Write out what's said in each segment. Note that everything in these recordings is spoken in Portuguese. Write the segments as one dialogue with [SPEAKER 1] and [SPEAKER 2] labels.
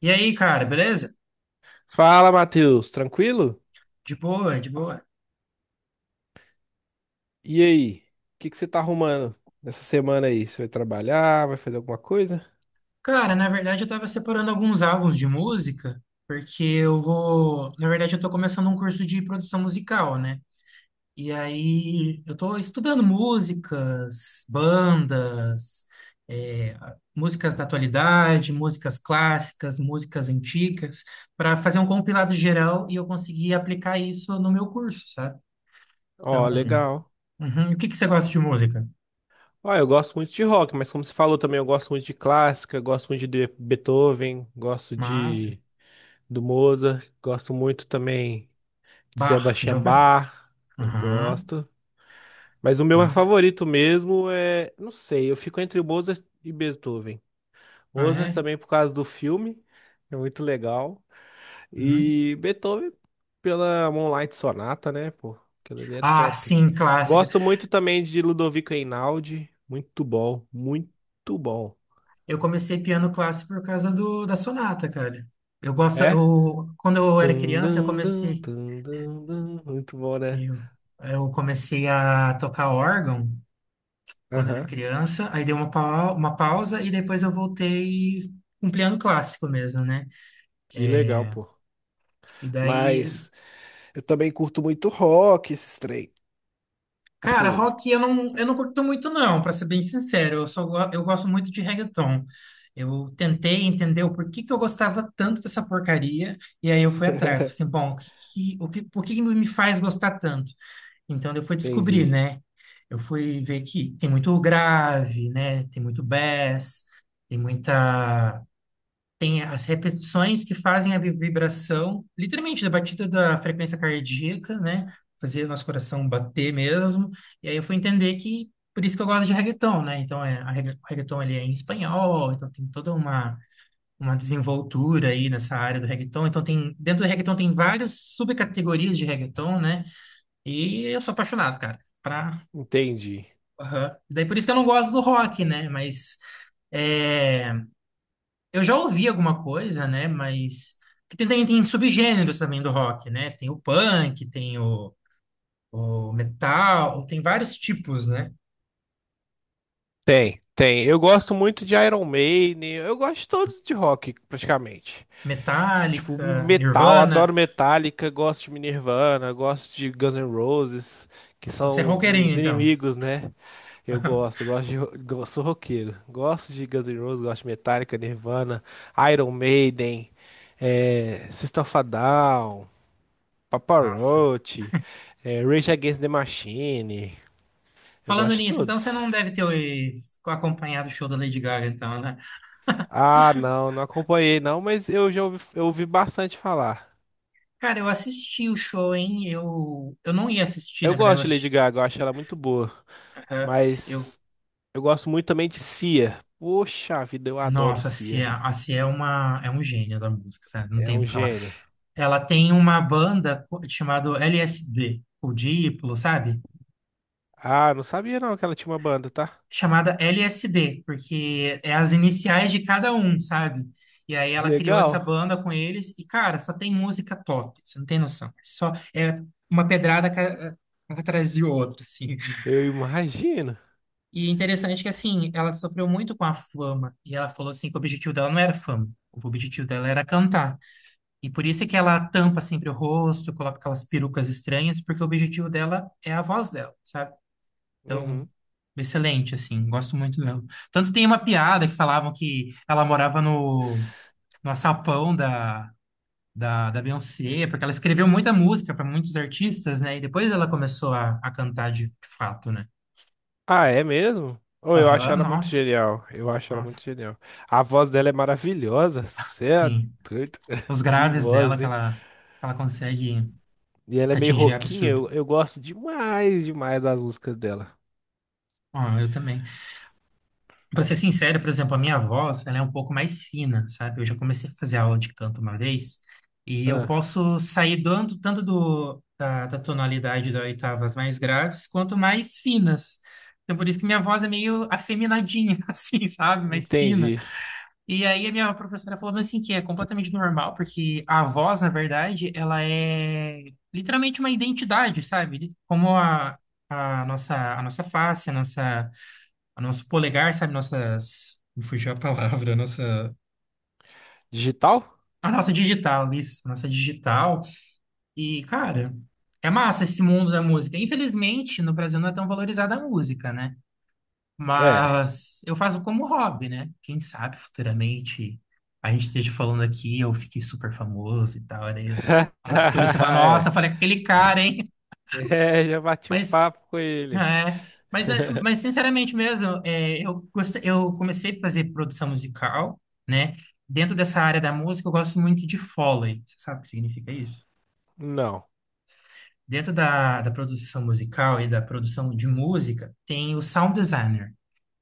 [SPEAKER 1] E aí, cara, beleza?
[SPEAKER 2] Fala, Matheus, tranquilo?
[SPEAKER 1] De boa, de boa.
[SPEAKER 2] E aí, o que que você tá arrumando nessa semana aí? Você vai trabalhar, vai fazer alguma coisa?
[SPEAKER 1] Cara, na verdade eu tava separando alguns álbuns de música, porque eu vou. Na verdade, eu tô começando um curso de produção musical, né? E aí eu tô estudando músicas, bandas, é, músicas da atualidade, músicas clássicas, músicas antigas, para fazer um compilado geral e eu conseguir aplicar isso no meu curso, sabe? Então,
[SPEAKER 2] Ó, legal.
[SPEAKER 1] uhum. E o que que você gosta de música?
[SPEAKER 2] Ó, eu gosto muito de rock, mas como você falou também, eu gosto muito de clássica, gosto muito de Beethoven, gosto
[SPEAKER 1] Massa.
[SPEAKER 2] de do Mozart, gosto muito também de
[SPEAKER 1] Bach, já
[SPEAKER 2] Sebastian
[SPEAKER 1] ouviu?
[SPEAKER 2] Bach,
[SPEAKER 1] Aham.
[SPEAKER 2] gosto. Mas o meu
[SPEAKER 1] Massa.
[SPEAKER 2] favorito mesmo é, não sei, eu fico entre Mozart e Beethoven.
[SPEAKER 1] Ah,
[SPEAKER 2] Mozart
[SPEAKER 1] é?
[SPEAKER 2] também por causa do filme, é muito legal.
[SPEAKER 1] Uhum.
[SPEAKER 2] E Beethoven pela Moonlight Sonata, né, pô? Aquilo ali é
[SPEAKER 1] Ah,
[SPEAKER 2] top.
[SPEAKER 1] sim, clássica.
[SPEAKER 2] Gosto muito também de Ludovico Einaudi. Muito bom, muito bom.
[SPEAKER 1] Eu comecei piano clássico por causa do, da sonata, cara. Eu gosto,
[SPEAKER 2] É?
[SPEAKER 1] eu, quando eu era
[SPEAKER 2] Tum,
[SPEAKER 1] criança, eu
[SPEAKER 2] dum, dum,
[SPEAKER 1] comecei,
[SPEAKER 2] tum, dum, dum. Muito bom, né?
[SPEAKER 1] eu, eu comecei a tocar órgão quando era
[SPEAKER 2] Aham.
[SPEAKER 1] criança, aí dei uma pausa e depois eu voltei com piano clássico mesmo, né?
[SPEAKER 2] Que legal, pô.
[SPEAKER 1] E daí
[SPEAKER 2] Mas eu também curto muito rock, esses trem.
[SPEAKER 1] cara,
[SPEAKER 2] Assim.
[SPEAKER 1] rock eu não curto muito não, pra ser bem sincero. Eu gosto muito de reggaeton. Eu tentei entender o porquê que eu gostava tanto dessa porcaria e aí eu fui atrás. Falei assim, bom, o que, que- o que, por que que me faz gostar tanto? Então eu fui descobrir,
[SPEAKER 2] Entendi.
[SPEAKER 1] né? Eu fui ver que tem muito grave, né? Tem muito bass, tem muita tem as repetições que fazem a vibração, literalmente, da batida da frequência cardíaca, né? Fazer nosso coração bater mesmo. E aí eu fui entender que, por isso que eu gosto de reggaeton, né? Então, o reggaeton, ele é em espanhol, então tem toda uma desenvoltura aí nessa área do reggaeton. Então, dentro do reggaeton tem várias subcategorias de reggaeton, né? E eu sou apaixonado, cara.
[SPEAKER 2] Entendi.
[SPEAKER 1] Aham. Daí, por isso que eu não gosto do rock, né? Mas... É, eu já ouvi alguma coisa, né? Mas que tem subgêneros também do rock, né? Tem o punk, tem o metal, tem vários tipos, né?
[SPEAKER 2] Tem, tem. Eu gosto muito de Iron Maiden. Eu gosto de todos de rock, praticamente. Tipo,
[SPEAKER 1] Metallica,
[SPEAKER 2] metal,
[SPEAKER 1] Nirvana.
[SPEAKER 2] adoro Metallica, gosto de Nirvana, gosto de Guns N' Roses, que
[SPEAKER 1] Então você é
[SPEAKER 2] são
[SPEAKER 1] roqueirinho,
[SPEAKER 2] os
[SPEAKER 1] então.
[SPEAKER 2] inimigos, né? Eu gosto, gosto de, go- Sou roqueiro. Gosto de Guns N' Roses, gosto de Metallica, Nirvana, Iron Maiden, System of a Down, Papa
[SPEAKER 1] Nossa.
[SPEAKER 2] Roach, Rage Against the Machine. Eu
[SPEAKER 1] Falando
[SPEAKER 2] gosto de
[SPEAKER 1] nisso, então você
[SPEAKER 2] todos.
[SPEAKER 1] não deve ter acompanhado o show da Lady Gaga, então, né?
[SPEAKER 2] Ah, não, não acompanhei não, mas eu ouvi bastante falar.
[SPEAKER 1] Cara, eu assisti o show, hein? Eu não ia assistir, na
[SPEAKER 2] Eu
[SPEAKER 1] verdade, eu,
[SPEAKER 2] gosto de Lady
[SPEAKER 1] assisti-
[SPEAKER 2] Gaga, eu acho ela muito boa.
[SPEAKER 1] eh, eu-
[SPEAKER 2] Mas eu gosto muito também de Cia. Poxa vida, eu adoro
[SPEAKER 1] nossa, a
[SPEAKER 2] Cia.
[SPEAKER 1] Cia, a Cia é é um gênio da música, sabe? Não
[SPEAKER 2] É
[SPEAKER 1] tem o
[SPEAKER 2] um
[SPEAKER 1] que falar.
[SPEAKER 2] gênio.
[SPEAKER 1] Ela tem uma banda chamada LSD, o Diplo, sabe?
[SPEAKER 2] Ah, não sabia não que ela tinha uma banda, tá?
[SPEAKER 1] Chamada LSD, porque é as iniciais de cada um, sabe? E aí ela criou essa
[SPEAKER 2] Legal.
[SPEAKER 1] banda com eles e, cara, só tem música top, você não tem noção. É. Só é uma pedrada atrás de outra, assim.
[SPEAKER 2] Eu imagino.
[SPEAKER 1] E é interessante que, assim, ela sofreu muito com a fama e ela falou, assim, que o objetivo dela não era fama, o objetivo dela era cantar. E por isso é que ela tampa sempre o rosto, coloca aquelas perucas estranhas, porque o objetivo dela é a voz dela, sabe? Então,
[SPEAKER 2] Uhum.
[SPEAKER 1] excelente, assim, gosto muito dela. Tanto tem uma piada que falavam que ela morava no açapão da Beyoncé, porque ela escreveu muita música para muitos artistas, né? E depois ela começou a cantar de fato, né?
[SPEAKER 2] Ah, é mesmo? Oh, eu acho
[SPEAKER 1] Aham,
[SPEAKER 2] ela muito
[SPEAKER 1] nossa,
[SPEAKER 2] genial. Eu acho ela
[SPEAKER 1] nossa,
[SPEAKER 2] muito genial. A voz dela é maravilhosa. Cê é
[SPEAKER 1] sim.
[SPEAKER 2] doido.
[SPEAKER 1] Os
[SPEAKER 2] Que
[SPEAKER 1] graves dela
[SPEAKER 2] voz,
[SPEAKER 1] que
[SPEAKER 2] hein?
[SPEAKER 1] ela, que ela consegue
[SPEAKER 2] E ela é meio
[SPEAKER 1] atingir é
[SPEAKER 2] roquinha.
[SPEAKER 1] absurdo.
[SPEAKER 2] Eu gosto demais, demais das músicas dela.
[SPEAKER 1] Ah, eu também. Pra ser sincero, por exemplo, a minha voz, ela é um pouco mais fina, sabe? Eu já comecei a fazer aula de canto uma vez e eu
[SPEAKER 2] Ah,
[SPEAKER 1] posso sair dando tanto do, da tonalidade das oitavas mais graves quanto mais finas. Então, por isso que minha voz é meio afeminadinha, assim, sabe? Mais fina.
[SPEAKER 2] entendi.
[SPEAKER 1] E aí a minha professora falou assim que é completamente normal, porque a voz, na verdade, ela é literalmente uma identidade, sabe? Como a nossa face, a nossa o nosso polegar, sabe? Nossas. Me fugiu a palavra, a nossa.
[SPEAKER 2] Digital?
[SPEAKER 1] A nossa digital, isso, a nossa digital. E, cara, é massa esse mundo da música. Infelizmente, no Brasil não é tão valorizada a música, né?
[SPEAKER 2] É,
[SPEAKER 1] Mas eu faço como hobby, né? Quem sabe futuramente a gente esteja falando aqui, eu fiquei super famoso e tal. Aí, no futuro você fala,
[SPEAKER 2] É.
[SPEAKER 1] nossa, falei com aquele cara, hein?
[SPEAKER 2] É, já bati um
[SPEAKER 1] Mas
[SPEAKER 2] papo com ele.
[SPEAKER 1] É, mas sinceramente mesmo, eu comecei a fazer produção musical, né? Dentro dessa área da música, eu gosto muito de Foley. Você sabe o que significa isso?
[SPEAKER 2] Não.
[SPEAKER 1] Dentro da produção musical e da produção de música, tem o sound designer.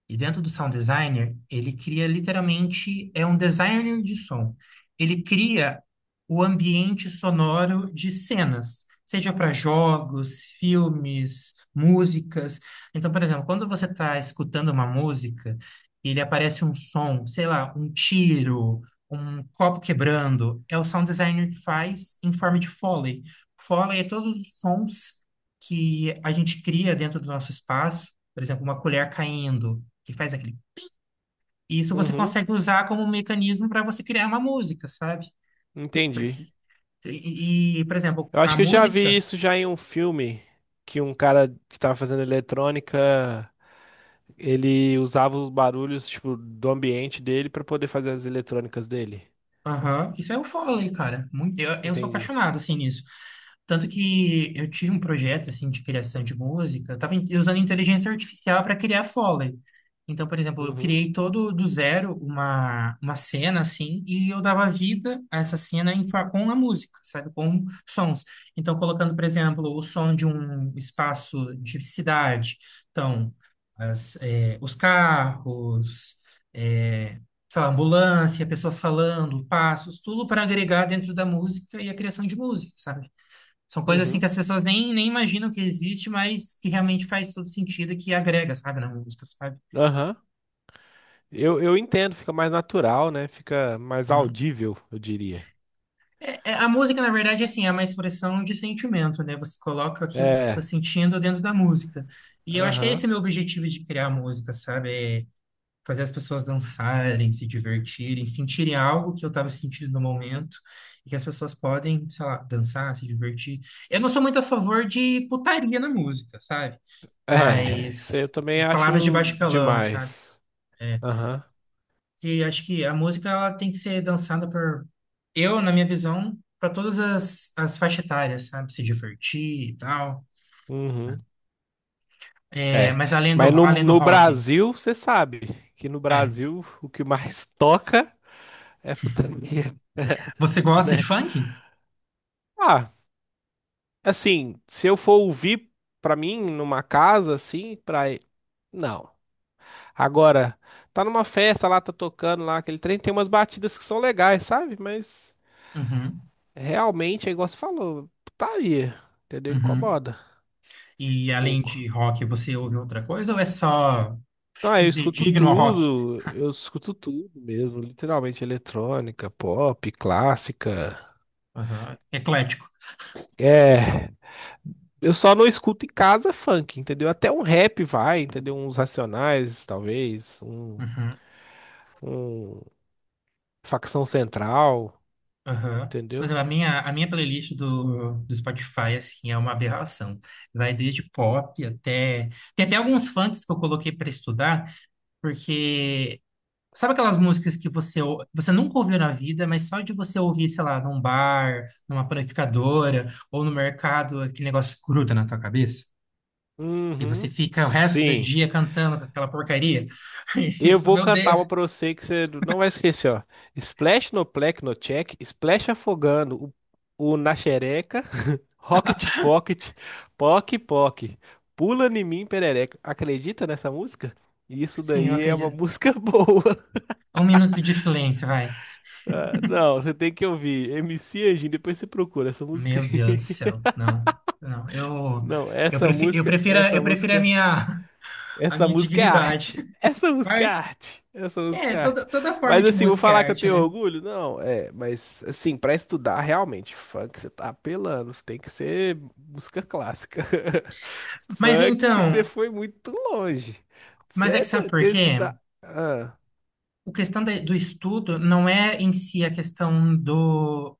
[SPEAKER 1] E dentro do sound designer, ele cria literalmente, é um designer de som. Ele cria o ambiente sonoro de cenas, seja para jogos, filmes, músicas. Então, por exemplo, quando você está escutando uma música, ele aparece um som, sei lá, um tiro, um copo quebrando, é o sound designer que faz em forma de Foley. Foley é todos os sons que a gente cria dentro do nosso espaço, por exemplo, uma colher caindo que faz aquele. E isso você
[SPEAKER 2] Uhum,
[SPEAKER 1] consegue usar como um mecanismo para você criar uma música, sabe?
[SPEAKER 2] entendi.
[SPEAKER 1] Porque por exemplo,
[SPEAKER 2] Eu acho
[SPEAKER 1] a
[SPEAKER 2] que eu já vi
[SPEAKER 1] música
[SPEAKER 2] isso já em um filme que um cara que tava fazendo eletrônica, ele usava os barulhos, tipo, do ambiente dele pra poder fazer as eletrônicas dele.
[SPEAKER 1] aham, isso é o Foley, cara. Eu sou
[SPEAKER 2] Entendi.
[SPEAKER 1] apaixonado, assim, nisso. Tanto que eu tive um projeto, assim, de criação de música. Eu tava usando inteligência artificial para criar Foley. Então, por exemplo, eu
[SPEAKER 2] Uhum,
[SPEAKER 1] criei todo do zero uma cena, assim, e eu dava vida a essa cena com a música, sabe? Com sons. Então, colocando, por exemplo, o som de um espaço de cidade. Então, os carros... é, sei lá, ambulância, pessoas falando, passos, tudo para agregar dentro da música e a criação de música, sabe? São coisas assim que
[SPEAKER 2] uhum.
[SPEAKER 1] as pessoas nem imaginam que existe, mas que realmente faz todo sentido e que agrega, sabe, na música, sabe?
[SPEAKER 2] Aham. Eu entendo, fica mais natural, né? Fica mais
[SPEAKER 1] Hum.
[SPEAKER 2] audível, eu diria.
[SPEAKER 1] A música, na verdade, é uma expressão de sentimento, né? Você coloca aquilo que você está
[SPEAKER 2] É,
[SPEAKER 1] sentindo dentro da música. E eu acho que é esse
[SPEAKER 2] aham.
[SPEAKER 1] meu objetivo de criar música, sabe? É fazer as pessoas dançarem, se divertirem, sentirem algo que eu estava sentindo no momento, e que as pessoas podem, sei lá, dançar, se divertir. Eu não sou muito a favor de putaria na música, sabe?
[SPEAKER 2] É, isso aí
[SPEAKER 1] Mas
[SPEAKER 2] eu também
[SPEAKER 1] palavras de
[SPEAKER 2] acho
[SPEAKER 1] baixo calão, sabe?
[SPEAKER 2] demais.
[SPEAKER 1] É.
[SPEAKER 2] Aham.
[SPEAKER 1] E acho que a música ela tem que ser dançada eu, na minha visão, para todas as faixas etárias, sabe? Se divertir e tal.
[SPEAKER 2] Uhum.
[SPEAKER 1] É,
[SPEAKER 2] É.
[SPEAKER 1] mas além do,
[SPEAKER 2] Mas no,
[SPEAKER 1] além do
[SPEAKER 2] no
[SPEAKER 1] rock.
[SPEAKER 2] Brasil, você sabe que no
[SPEAKER 1] É.
[SPEAKER 2] Brasil o que mais toca é putaria,
[SPEAKER 1] Você gosta de
[SPEAKER 2] né?
[SPEAKER 1] funk?
[SPEAKER 2] Ah, assim, se eu for ouvir pra mim numa casa, assim, pra. Não. Agora, tá numa festa lá, tá tocando lá, aquele trem, tem umas batidas que são legais, sabe? Mas.
[SPEAKER 1] Uhum,
[SPEAKER 2] Realmente, é igual você falou, putaria, entendeu?
[SPEAKER 1] uhum.
[SPEAKER 2] Incomoda um
[SPEAKER 1] E além
[SPEAKER 2] pouco.
[SPEAKER 1] de rock, você ouve outra coisa ou é só
[SPEAKER 2] Então, aí
[SPEAKER 1] fidedigno ao rock?
[SPEAKER 2] eu escuto tudo mesmo, literalmente eletrônica, pop, clássica.
[SPEAKER 1] Aham. Eclético.
[SPEAKER 2] É, eu só não escuto em casa funk, entendeu? Até um rap vai, entendeu? Uns Racionais, talvez, um,
[SPEAKER 1] Uhum.
[SPEAKER 2] um Facção Central,
[SPEAKER 1] Aham. Por
[SPEAKER 2] entendeu?
[SPEAKER 1] exemplo, a minha playlist do Spotify, assim, é uma aberração. Vai desde pop até... Tem até alguns funks que eu coloquei para estudar, porque... Sabe aquelas músicas que você nunca ouviu na vida, mas só de você ouvir, sei lá, num bar, numa panificadora ou no mercado, aquele negócio gruda na tua cabeça? E você
[SPEAKER 2] Uhum,
[SPEAKER 1] fica o resto do
[SPEAKER 2] sim.
[SPEAKER 1] dia cantando com aquela porcaria. E
[SPEAKER 2] Eu
[SPEAKER 1] você,
[SPEAKER 2] vou
[SPEAKER 1] meu
[SPEAKER 2] cantar
[SPEAKER 1] Deus,
[SPEAKER 2] uma pra você que você não vai esquecer, ó. Splash no plec no check, splash afogando o na xereca, rocket pocket, poc poc, pula em mim perereca. Acredita nessa música? Isso
[SPEAKER 1] sim, eu
[SPEAKER 2] daí é uma
[SPEAKER 1] acredito.
[SPEAKER 2] música boa.
[SPEAKER 1] Um minuto de silêncio, vai.
[SPEAKER 2] Ah, não, você tem que ouvir. MC Anjinho, depois você procura essa música
[SPEAKER 1] Meu Deus do
[SPEAKER 2] aí.
[SPEAKER 1] céu, não, não. Eu,
[SPEAKER 2] Não,
[SPEAKER 1] eu
[SPEAKER 2] essa
[SPEAKER 1] prefiro, eu
[SPEAKER 2] música,
[SPEAKER 1] prefiro,
[SPEAKER 2] essa
[SPEAKER 1] eu prefiro a
[SPEAKER 2] música.
[SPEAKER 1] minha, a
[SPEAKER 2] Essa
[SPEAKER 1] minha
[SPEAKER 2] música é
[SPEAKER 1] dignidade.
[SPEAKER 2] arte. Essa música é
[SPEAKER 1] Vai.
[SPEAKER 2] arte. Essa música
[SPEAKER 1] É,
[SPEAKER 2] é arte.
[SPEAKER 1] toda forma
[SPEAKER 2] Mas
[SPEAKER 1] de
[SPEAKER 2] assim, vou
[SPEAKER 1] música
[SPEAKER 2] falar
[SPEAKER 1] é
[SPEAKER 2] que eu
[SPEAKER 1] arte,
[SPEAKER 2] tenho
[SPEAKER 1] né?
[SPEAKER 2] orgulho? Não, é, mas assim, pra estudar realmente, funk você tá apelando, tem que ser música clássica.
[SPEAKER 1] Mas
[SPEAKER 2] Funk você
[SPEAKER 1] então,
[SPEAKER 2] foi muito longe. Você
[SPEAKER 1] mas é
[SPEAKER 2] é
[SPEAKER 1] que sabe
[SPEAKER 2] doido,
[SPEAKER 1] por
[SPEAKER 2] eu
[SPEAKER 1] quê?
[SPEAKER 2] estudar. Ah,
[SPEAKER 1] O questão do estudo não é em si a questão do,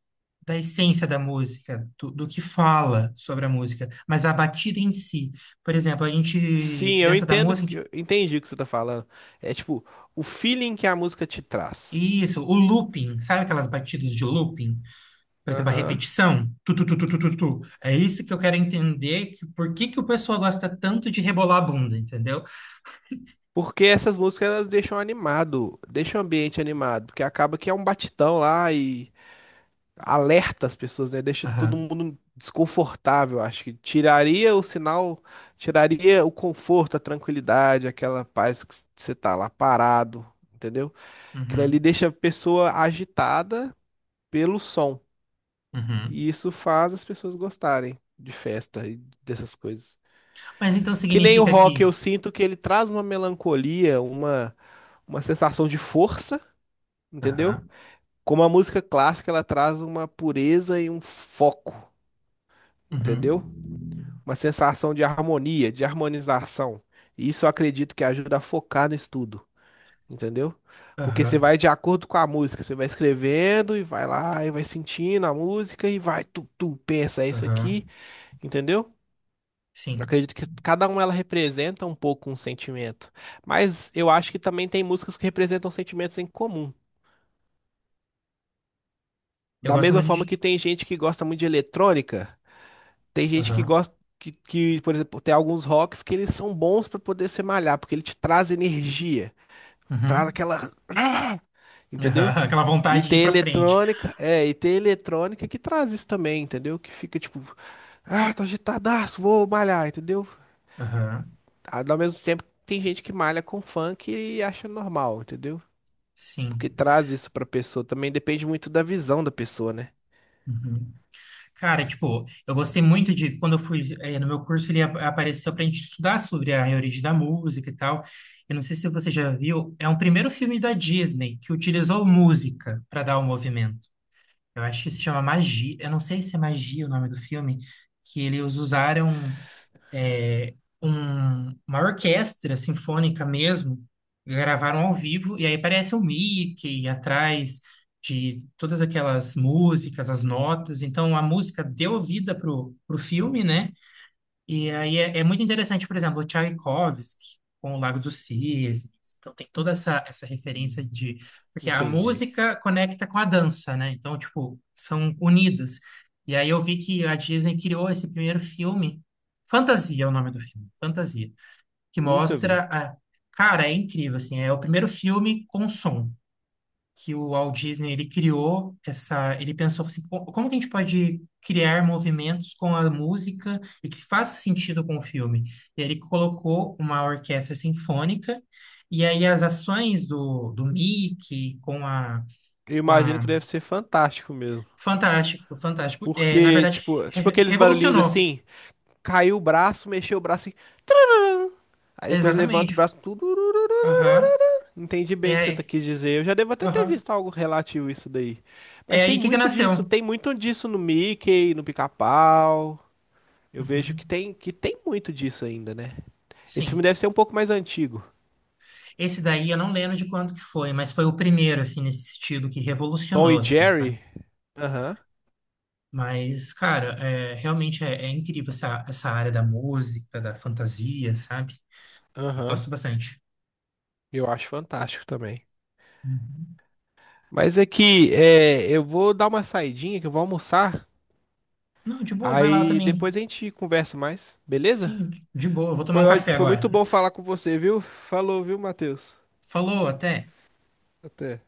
[SPEAKER 1] da essência da música, do que fala sobre a música, mas a batida em si. Por exemplo, a gente,
[SPEAKER 2] sim, eu
[SPEAKER 1] dentro da
[SPEAKER 2] entendo,
[SPEAKER 1] música, a gente-
[SPEAKER 2] eu entendi o que você tá falando. É tipo, o feeling que a música te traz.
[SPEAKER 1] isso, o looping, sabe aquelas batidas de looping? Por exemplo, a
[SPEAKER 2] Aham.
[SPEAKER 1] repetição, tu, tu, tu, tu, tu, tu, tu. É isso que eu quero entender, que, por que que o pessoal gosta tanto de rebolar a bunda, entendeu?
[SPEAKER 2] Porque essas músicas elas deixam animado, deixam o ambiente animado, porque acaba que é um batidão lá e alerta as pessoas, né? Deixa todo
[SPEAKER 1] Aham,
[SPEAKER 2] mundo desconfortável, acho que tiraria o sinal, tiraria o conforto, a tranquilidade, aquela paz que você tá lá parado, entendeu? Aquilo
[SPEAKER 1] uhum,
[SPEAKER 2] ali deixa a pessoa agitada pelo som,
[SPEAKER 1] uhum.
[SPEAKER 2] e isso faz as pessoas gostarem de festa e dessas coisas.
[SPEAKER 1] Mas então
[SPEAKER 2] Que nem o
[SPEAKER 1] significa
[SPEAKER 2] rock,
[SPEAKER 1] que...
[SPEAKER 2] eu sinto que ele traz uma melancolia, uma sensação de força, entendeu?
[SPEAKER 1] Aham,
[SPEAKER 2] Como a música clássica, ela traz uma pureza e um foco,
[SPEAKER 1] uhum,
[SPEAKER 2] entendeu? Uma sensação de harmonia, de harmonização. E isso eu acredito que ajuda a focar no estudo, entendeu? Porque você
[SPEAKER 1] aham,
[SPEAKER 2] vai de acordo com a música, você vai escrevendo e vai lá e vai sentindo a música e vai, tu, tu, pensa, é isso
[SPEAKER 1] aham.
[SPEAKER 2] aqui, entendeu? Eu
[SPEAKER 1] Sim.
[SPEAKER 2] acredito que cada uma ela representa um pouco um sentimento. Mas eu acho que também tem músicas que representam sentimentos em comum.
[SPEAKER 1] Eu
[SPEAKER 2] Da
[SPEAKER 1] gosto
[SPEAKER 2] mesma
[SPEAKER 1] muito
[SPEAKER 2] forma
[SPEAKER 1] de.
[SPEAKER 2] que tem gente que gosta muito de eletrônica, tem gente que
[SPEAKER 1] Aham.
[SPEAKER 2] gosta que, por exemplo, tem alguns rocks que eles são bons pra poder se malhar, porque ele te traz energia,
[SPEAKER 1] Uhum.
[SPEAKER 2] traz
[SPEAKER 1] Aham.
[SPEAKER 2] aquela, ah! entendeu?
[SPEAKER 1] Aquela
[SPEAKER 2] E
[SPEAKER 1] vontade de ir
[SPEAKER 2] tem
[SPEAKER 1] pra frente.
[SPEAKER 2] eletrônica, é, e tem eletrônica que traz isso também, entendeu? Que fica tipo, ah, tô agitadaço, vou malhar, entendeu?
[SPEAKER 1] Aham.
[SPEAKER 2] Ao mesmo tempo, tem gente que malha com funk e acha normal, entendeu?
[SPEAKER 1] Sim.
[SPEAKER 2] Porque traz isso pra pessoa. Também depende muito da visão da pessoa, né?
[SPEAKER 1] Uhum. Cara, tipo, eu gostei muito de quando eu fui no meu curso, ele apareceu pra gente estudar sobre a origem da música e tal. Eu não sei se você já viu, é um primeiro filme da Disney que utilizou música para dar o movimento. Eu acho que se chama Magia. Eu não sei se é Magia o nome do filme, que eles usaram. é, uma orquestra sinfônica mesmo, gravaram ao vivo, e aí aparece o Mickey atrás de todas aquelas músicas, as notas, então a música deu vida pro filme, né? E aí é muito interessante, por exemplo, o Tchaikovsky com o Lago dos Cisnes. Então tem toda essa referência de... Porque a
[SPEAKER 2] Entendi.
[SPEAKER 1] música conecta com a dança, né? Então, tipo, são unidas. E aí eu vi que a Disney criou esse primeiro filme, Fantasia é o nome do filme, Fantasia, que
[SPEAKER 2] Nunca vi.
[SPEAKER 1] mostra a... Cara, é incrível, assim, é o primeiro filme com som que o Walt Disney ele criou essa, ele pensou assim, Como que a gente pode criar movimentos com a música e que faça sentido com o filme? E aí ele colocou uma orquestra sinfônica e aí as ações do Mickey
[SPEAKER 2] Eu
[SPEAKER 1] com
[SPEAKER 2] imagino que
[SPEAKER 1] a
[SPEAKER 2] deve ser fantástico mesmo.
[SPEAKER 1] fantástico, na
[SPEAKER 2] Porque,
[SPEAKER 1] verdade
[SPEAKER 2] tipo, aqueles barulhinhos
[SPEAKER 1] revolucionou.
[SPEAKER 2] assim, caiu o braço, mexeu o braço, assim, aí depois levanta o
[SPEAKER 1] Exatamente.
[SPEAKER 2] braço, tudo.
[SPEAKER 1] Aham.
[SPEAKER 2] Entendi bem o que você
[SPEAKER 1] É,
[SPEAKER 2] quis dizer. Eu já devo até ter
[SPEAKER 1] aham.
[SPEAKER 2] visto algo relativo a isso daí.
[SPEAKER 1] É
[SPEAKER 2] Mas
[SPEAKER 1] aí que nasceu.
[SPEAKER 2] tem muito disso no Mickey, no Pica-Pau. Eu vejo
[SPEAKER 1] Uhum.
[SPEAKER 2] que tem muito disso ainda, né? Esse filme
[SPEAKER 1] Sim.
[SPEAKER 2] deve ser um pouco mais antigo.
[SPEAKER 1] Esse daí eu não lembro de quanto que foi, mas foi o primeiro, assim, nesse sentido, que
[SPEAKER 2] Tom
[SPEAKER 1] revolucionou,
[SPEAKER 2] e
[SPEAKER 1] assim, sabe?
[SPEAKER 2] Jerry? Aham,
[SPEAKER 1] Mas, cara, realmente é incrível essa área da música, da fantasia, sabe? Eu
[SPEAKER 2] aham.
[SPEAKER 1] gosto bastante.
[SPEAKER 2] Eu acho fantástico também.
[SPEAKER 1] Uhum.
[SPEAKER 2] Mas é que é, eu vou dar uma saidinha, que eu vou almoçar.
[SPEAKER 1] Não, de boa, vai lá
[SPEAKER 2] Aí
[SPEAKER 1] também.
[SPEAKER 2] depois a gente conversa mais, beleza?
[SPEAKER 1] Sim, de boa, vou tomar um café
[SPEAKER 2] Foi muito
[SPEAKER 1] agora.
[SPEAKER 2] bom falar com você, viu? Falou, viu, Matheus?
[SPEAKER 1] Falou, até.
[SPEAKER 2] Até.